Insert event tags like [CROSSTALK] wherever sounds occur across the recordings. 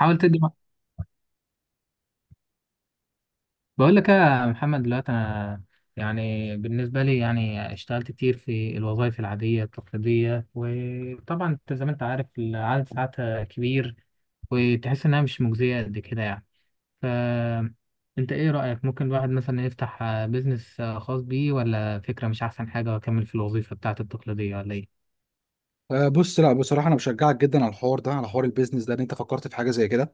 حاول تدي بقول لك يا محمد، دلوقتي انا، يعني بالنسبه لي، يعني اشتغلت كتير في الوظائف العاديه التقليديه، وطبعا انت زي ما انت عارف العدد ساعاتها كبير. وتحس انها مش مجزيه قد كده يعني. ف انت ايه رايك؟ ممكن الواحد مثلا يفتح بيزنس خاص بيه، ولا فكره مش احسن حاجه واكمل في الوظيفه بتاعته التقليديه، ولا ايه؟ آه، بص، لا بصراحه انا بشجعك جدا على الحوار ده، على حوار البيزنس ده، ان انت فكرت في حاجه زي كده.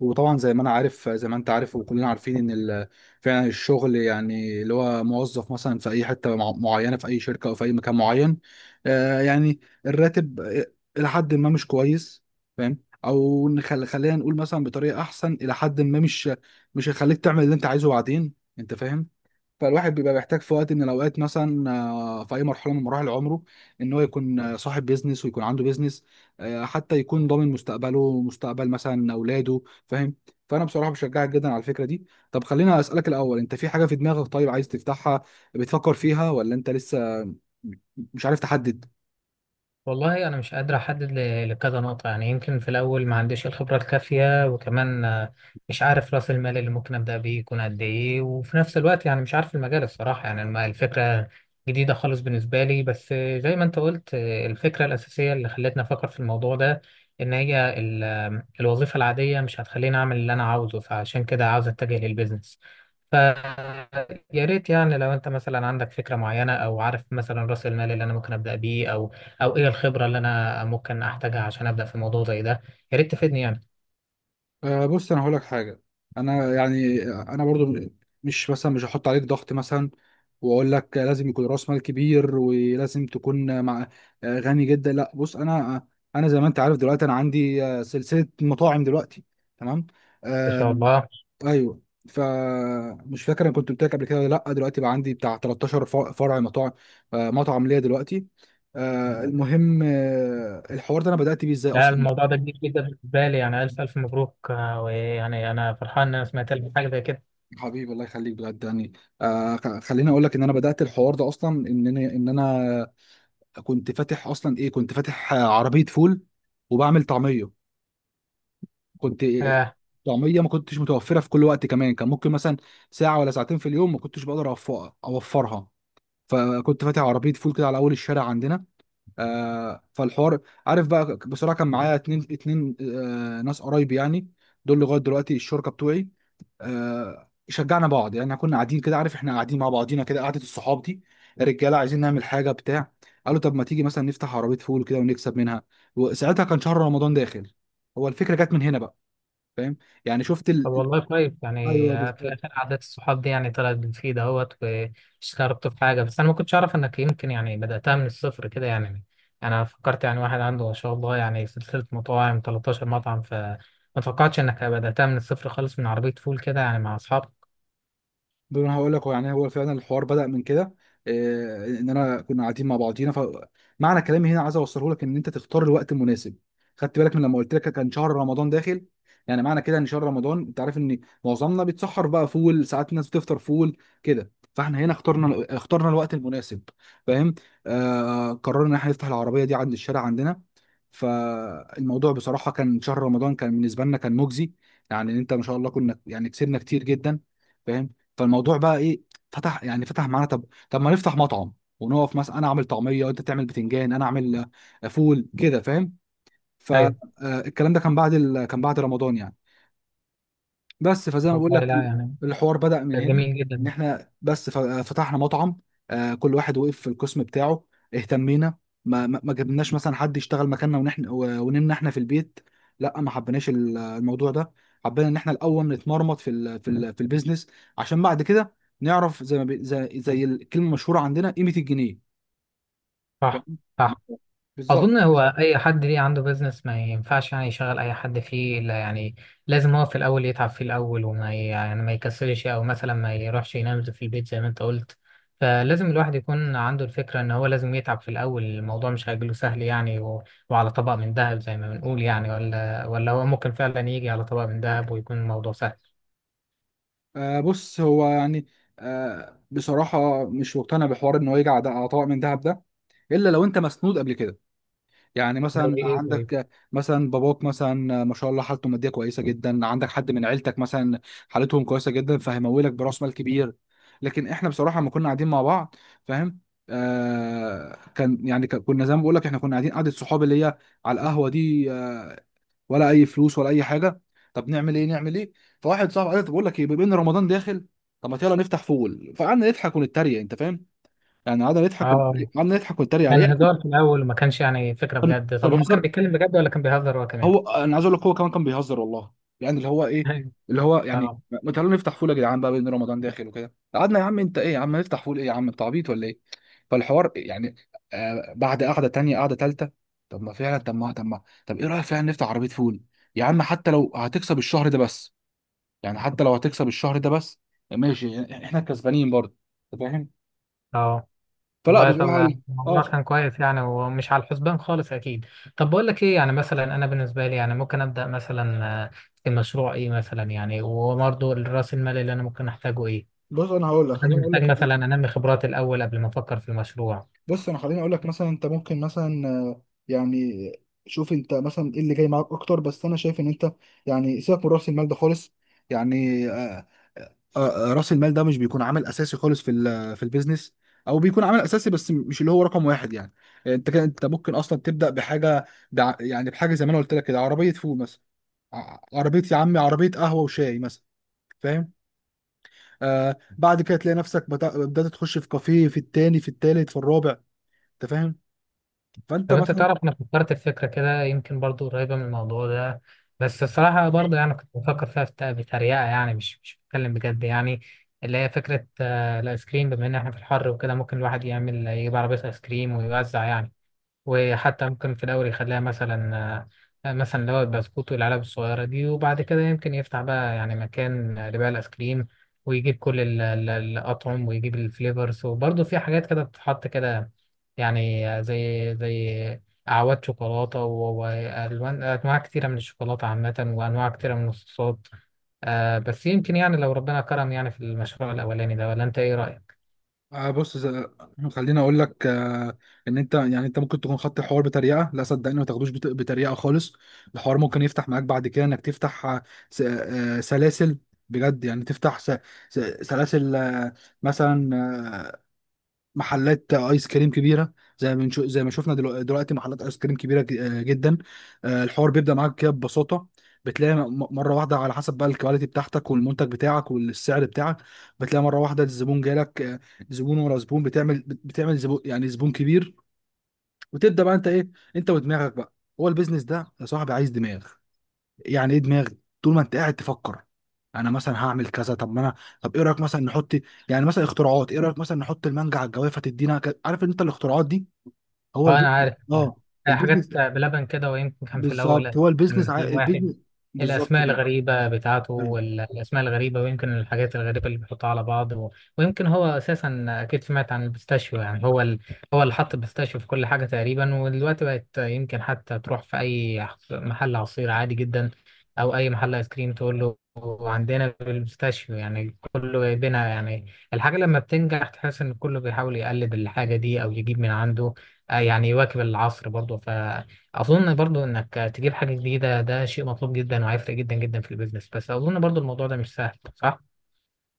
وطبعا زي ما انا عارف زي ما انت عارف وكلنا عارفين ان فعلا الشغل، يعني اللي هو موظف مثلا في اي حته معينه في اي شركه او في اي مكان معين، آه، يعني الراتب الى حد ما مش كويس. فاهم. او خلينا نقول مثلا بطريقه احسن، الى حد ما مش هيخليك تعمل اللي انت عايزه بعدين. انت فاهم. فالواحد بيبقى محتاج في وقت من الاوقات مثلا، في اي مرحله من مراحل عمره، ان هو يكون صاحب بيزنس ويكون عنده بيزنس، آه، حتى يكون ضامن مستقبله ومستقبل مثلا اولاده. فاهم. فانا بصراحه بشجعك جدا على الفكره دي. طب خلينا اسالك الاول، انت في حاجه في دماغك طيب عايز تفتحها، بتفكر فيها، ولا انت لسه مش عارف تحدد؟ والله أنا مش قادر أحدد لكذا نقطة، يعني يمكن في الأول ما عنديش الخبرة الكافية، وكمان مش عارف رأس المال اللي ممكن أبدأ بيه يكون قد إيه. وفي نفس الوقت يعني مش عارف المجال الصراحة، يعني الفكرة جديدة خالص بالنسبة لي. بس زي ما أنت قلت، الفكرة الأساسية اللي خلتني أفكر في الموضوع ده إن هي الوظيفة العادية مش هتخليني أعمل اللي أنا عاوزه، فعشان كده عاوز أتجه للبيزنس. ف يا ريت يعني لو انت مثلا عندك فكرة معينة، او عارف مثلا راس المال اللي انا ممكن ابدأ بيه، او ايه الخبره اللي انا ممكن احتاجها عشان ابدا في موضوع زي ده. يا ريت تفيدني يعني. آه، بص انا هقول لك حاجه. انا برضو مش مثلا، مش هحط عليك ضغط مثلا واقول لك لازم يكون راس مال كبير ولازم تكون مع، غني جدا. لا بص، انا زي ما انت عارف دلوقتي انا عندي آه، سلسله مطاعم دلوقتي. تمام. ان شاء آه. الله. ايوه. فمش فاكر انا كنت قلت لك قبل كده ولا لا، دلوقتي بقى عندي بتاع 13 فرع مطاعم، آه مطعم ليا دلوقتي. آه، المهم، آه الحوار ده انا بدات بيه ازاي لا، اصلا. الموضوع ده كبير جدا بالنسبه لي. يعني الف الف مبروك، ويعني انا فرحان ان انا سمعت لك حاجه زي كده. حبيبي الله يخليك بجد يعني. آه، خليني اقول لك ان انا بدات الحوار ده اصلا ان انا كنت فاتح اصلا ايه، كنت فاتح عربيه فول وبعمل طعميه. كنت آه، طعميه ما كنتش متوفره في كل وقت، كمان كان ممكن مثلا ساعه ولا ساعتين في اليوم ما كنتش بقدر اوفرها. فكنت فاتح عربيه فول كده على اول الشارع عندنا. آه، فالحوار، عارف بقى بصراحه كان معايا 2 2 آه ناس قرايبي يعني، دول لغايه دلوقتي الشركه بتوعي. آه، شجعنا بعض يعني، كنا قاعدين كده، عارف، احنا قاعدين مع بعضينا كده قعده الصحاب دي، رجاله عايزين نعمل حاجه بتاع. قالوا طب ما تيجي مثلا نفتح عربيه فول كده ونكسب منها، وساعتها كان شهر رمضان داخل. هو الفكره جت من هنا بقى. فاهم. يعني شفت طب والله كويس. يعني ايوه في بالظبط. الاخر عادات الصحاب دي يعني طلعت بتفيد اهوت، واشتركت في حاجه. بس انا ما كنتش اعرف انك يمكن يعني بداتها من الصفر كده يعني. انا فكرت يعني واحد عنده ما شاء الله يعني سلسله مطاعم 13 مطعم، فما توقعتش انك بداتها من الصفر خالص من عربيه فول كده يعني مع اصحابك. دول انا هقول لك، هو يعني هو فعلا الحوار بدأ من كده، إيه، ان انا كنا قاعدين مع بعضينا. فمعنى كلامي هنا عايز اوصله لك، ان انت تختار الوقت المناسب. خدت بالك من لما قلت لك كان شهر رمضان داخل؟ يعني معنى كده ان شهر رمضان انت عارف ان معظمنا بيتسحر بقى فول، ساعات الناس بتفطر فول كده. فاحنا هنا اخترنا الوقت المناسب. فاهم. آه، قررنا ان احنا نفتح العربية دي عند الشارع عندنا. فالموضوع بصراحة كان شهر رمضان كان بالنسبة لنا كان مجزي. يعني انت ما شاء الله كنا يعني كسبنا كتير جدا. فاهم. فالموضوع بقى ايه، فتح يعني فتح معانا. طب ما نفتح مطعم ونقف مثلا، انا اعمل طعميه وانت تعمل بتنجان، انا اعمل آه، فول كده. فاهم. ايوه. فالكلام ده كان بعد كان بعد رمضان يعني. بس، فزي ما بقول والله، لك لا يعني، الحوار بدأ ده من هنا، جميل ان جدا. احنا بس فتحنا مطعم. آه، كل واحد وقف في القسم بتاعه، اهتمينا. ما جبناش مثلا حد يشتغل مكاننا ونحن ونمنا احنا في البيت. لا ما حبيناش الموضوع ده. حبينا ان احنا الاول نتمرمط في ال في ال في البيزنس، عشان بعد كده نعرف زي ما زي, زي الكلمة المشهورة عندنا، قيمة الجنيه. صح. فاهم؟ صح. بالظبط. اظن هو اي حد ليه عنده بيزنس ما ينفعش يعني يشغل اي حد فيه، الا يعني لازم هو في الاول يتعب فيه الاول، وما يعني ما يكسلش او مثلا ما يروحش ينام في البيت زي ما انت قلت. فلازم الواحد يكون عنده الفكره ان هو لازم يتعب في الاول. الموضوع مش هيجيله سهل يعني وعلى طبق من ذهب زي ما بنقول، يعني ولا هو ممكن فعلا يجي على طبق من ذهب ويكون الموضوع سهل. آه بص هو يعني، آه بصراحة مش مقتنع بحوار إن هو يجي على طبق من دهب ده، إلا لو أنت مسنود قبل كده. يعني زي مثلا ايه طيب؟ عندك آه، مثلا باباك مثلا آه، ما شاء الله حالته المادية كويسة جدا، عندك حد من عيلتك مثلا حالتهم كويسة جدا، فهيمولك برأس مال كبير. لكن إحنا بصراحة لما كنا قاعدين مع بعض، فاهم، آه كان يعني كنا زي ما بقول لك، إحنا كنا قاعدين قعدة صحاب اللي هي على القهوة دي، آه، ولا اي فلوس ولا اي حاجه. طب نعمل ايه نعمل ايه. فواحد صاحبي قال لي طب بقول لك ايه، بما ان رمضان داخل، طب ما يلا نفتح فول. فقعدنا نضحك ونتريق. انت فاهم. يعني اه. قعدنا نضحك ونتريق كان عليه. هزار في الاول، وما كانش يعني فكره كان بجد. طب كان هو كان هزار. بيتكلم بجد، ولا كان بيهزر هو كمان؟ هو انا عايز اقول لك هو كمان كان بيهزر والله. يعني اللي هو ايه، أيوة. اللي هو يعني، اه. ما تعالوا نفتح فول يا جدعان بقى بما ان رمضان داخل وكده. قعدنا يا عم انت ايه، يا عم نفتح فول، ايه يا عم انت عبيط ولا ايه. فالحوار يعني آه بعد قعده تانيه قعده تالته، طب ما فعلا، طب ما طب ايه رايك فعلا نفتح عربيه فول. يا عم حتى لو هتكسب الشهر ده بس، يعني حتى لو هتكسب الشهر ده بس ماشي، احنا كسبانين برضه. انت فاهم. اه. فلا والله طب بصراحه. ده اه الموضوع كان كويس يعني، ومش على الحسبان خالص اكيد. طب بقول لك ايه، يعني مثلا انا بالنسبه لي يعني ممكن ابدا مثلا في مشروع ايه مثلا يعني؟ وبرضه راس المال اللي انا ممكن احتاجه ايه؟ بص انا هقول لك، يعني انا محتاج مثلا انمي خبراتي الاول قبل ما افكر في المشروع. خليني اقول لك مثلا، انت ممكن مثلا آه، يعني شوف انت مثلا ايه اللي جاي معاك اكتر، بس انا شايف ان انت يعني سيبك من راس المال ده خالص. يعني راس المال ده مش بيكون عامل اساسي خالص في في البيزنس، او بيكون عامل اساسي بس مش اللي هو رقم واحد يعني. انت كده انت ممكن اصلا تبدا بحاجه، يعني بحاجه زي ما انا قلت لك كده، عربيه فول مثلا، عربيه يا عمي، عربيه قهوه وشاي مثلا. فاهم. آه بعد كده تلاقي نفسك بدأت تخش في كافيه، في التاني في التالت في الرابع. انت فاهم. فانت طب انت مثلا، تعرف انا فكرت في فكره كده يمكن برضو قريبه من الموضوع ده، بس الصراحه برضو يعني كنت بفكر فيها بتريقه، يعني مش بتكلم بجد يعني. اللي هي فكره الايس كريم. بما ان احنا في الحر وكده ممكن الواحد يعمل يجيب عربيه ايس كريم ويوزع يعني. وحتى ممكن في الأول يخليها مثلا مثلا اللي هو البسكوت والعلب الصغيرة دي، وبعد كده يمكن يفتح بقى يعني مكان لبيع الآيس كريم، ويجيب كل الأطعم، ويجيب الفليفرز. وبرضه في حاجات كده بتتحط كده، يعني زي أعواد شوكولاتة وألوان، أنواع كتيرة من الشوكولاتة عامة، وأنواع كتيرة من الصوصات. بس يمكن يعني لو ربنا كرم يعني في المشروع الأولاني ده، ولا أنت إيه رأيك؟ آه بص [CLEARS THROAT] خليني اقول لك آه ان انت يعني، انت ممكن تكون خدت الحوار بتريقه. لا صدقني ما تاخدوش بتريقه خالص. الحوار ممكن يفتح معاك بعد كده انك تفتح سلاسل، بجد يعني تفتح سلاسل مثلا، آه، محلات ايس كريم كبيره. زي ما زي ما شفنا دلوقتي، محلات ايس كريم كبيره جدا. آه، الحوار بيبدا معاك كده ببساطه، بتلاقي مره واحده، على حسب بقى الكواليتي بتاعتك والمنتج بتاعك والسعر بتاعك، بتلاقي مره واحده الزبون جالك، آه، زبون ورا زبون، بتعمل زبون، يعني زبون كبير، وتبدا بقى انت ايه، انت ودماغك بقى. هو البيزنس ده يا صاحبي عايز دماغ. يعني ايه دماغي، طول ما انت قاعد تفكر انا مثلا هعمل كذا، طب ما انا، طب ايه رايك مثلا نحط، يعني مثلا اختراعات، ايه رايك مثلا نحط المانجا على الجوافه تدينا عارف ان انت الاختراعات دي هو اه، انا البيزنس. عارف. اه البيزنس. حاجات بلبن كده، ويمكن كان في بالظبط، الاول هو البيزنس كان في واحد، البيزنس بالظبط الاسماء كده. الغريبه بتاعته، أيوة. والاسماء الغريبه، ويمكن الحاجات الغريبه اللي بيحطها على بعض، ويمكن هو اساسا اكيد سمعت عن البيستاشيو. يعني هو هو اللي حط البيستاشيو في كل حاجه تقريبا، ودلوقتي بقت يمكن حتى تروح في اي محل عصير عادي جدا او اي محل ايس كريم، تقول له عندنا البيستاشيو. يعني كله جايبينها يعني. الحاجه لما بتنجح تحس ان كله بيحاول يقلد الحاجه دي، او يجيب من عنده يعني يواكب العصر برضه. فأظن برضه إنك تجيب حاجة جديدة ده شيء مطلوب جدا، وهيفرق جدا جدا في البيزنس. بس أظن برضه الموضوع ده مش سهل، صح؟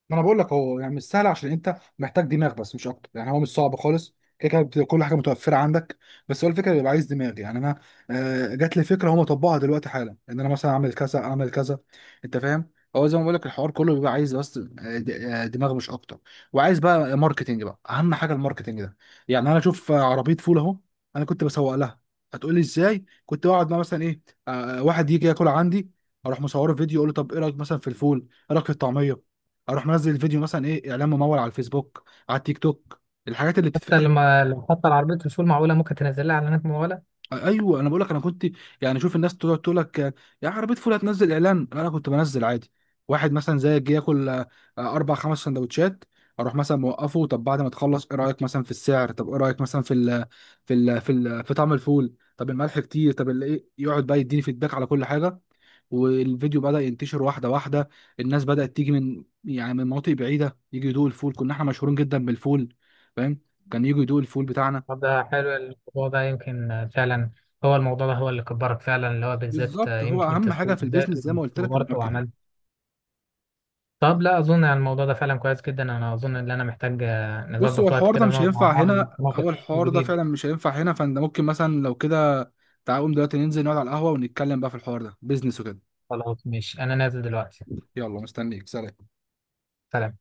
ما انا بقول لك هو يعني مش سهل عشان انت محتاج دماغ بس، مش اكتر. يعني هو مش صعب خالص، كده كده كل حاجه متوفره عندك. بس هو الفكره بيبقى عايز دماغ. يعني انا آه، جات لي فكره هم طبقها دلوقتي حالا، ان انا مثلا اعمل كذا اعمل كذا. انت فاهم. هو زي ما بقول لك الحوار كله بيبقى عايز بس دماغ، مش اكتر. وعايز بقى ماركتنج، بقى اهم حاجه الماركتنج ده. يعني انا اشوف، آه، عربيه فول اهو، انا كنت بسوق لها. هتقول لي ازاي. كنت بقعد مع مثلا ايه، آه، واحد يجي ياكل عندي، اروح مصوره فيديو، اقول له طب ايه رايك مثلا في الفول، ايه رايك في الطعميه. اروح منزل الفيديو مثلا ايه، اعلان ممول على الفيسبوك، على التيك توك، الحاجات اللي حتى بتتفتح. لما، لو حتى العربية رسول، معقولة ممكن تنزل لها إعلانات ممولة؟ ايوه انا بقول لك انا كنت، يعني شوف الناس تقعد تقول لك آه، يا عربيه فول هتنزل اعلان، انا كنت بنزل عادي. واحد مثلا زي جه ياكل 4 5 سندوتشات، اروح مثلا موقفه، طب بعد ما تخلص ايه رايك مثلا في السعر، طب ايه رايك مثلا في ال في ال في, ال في طعم الفول، طب الملح كتير، طب ايه، يقعد بقى يديني فيدباك على كل حاجه. والفيديو بدأ ينتشر واحده واحده، الناس بدأت تيجي من يعني من مناطق بعيده يجي يدوق الفول، كنا احنا مشهورين جدا بالفول. فاهم. كان يجي يدوق الفول بتاعنا. طب ده حلو الموضوع ده، يمكن فعلا هو الموضوع ده هو اللي كبرك فعلا، اللي هو بالذات بالظبط، هو يمكن اهم حاجه التسويق في بالذات. البيزنس زي ما قلت لك وورط الماركتينج. وعملت. طب لا أظن يعني الموضوع ده فعلا كويس جدا. أنا أظن إن أنا محتاج بص هو نظبط وقت الحوار ده كده مش ونقعد مع هينفع بعض هنا، ونتناقش او في الحوار ده الجديد. فعلا مش هينفع هنا. فانت ممكن مثلا لو كده تعالى قوم دلوقتي ننزل نقعد على القهوه ونتكلم بقى في الحوار ده، بيزنس وكده. خلاص ماشي، أنا نازل دلوقتي. يلا مستنيك، سلام. سلام.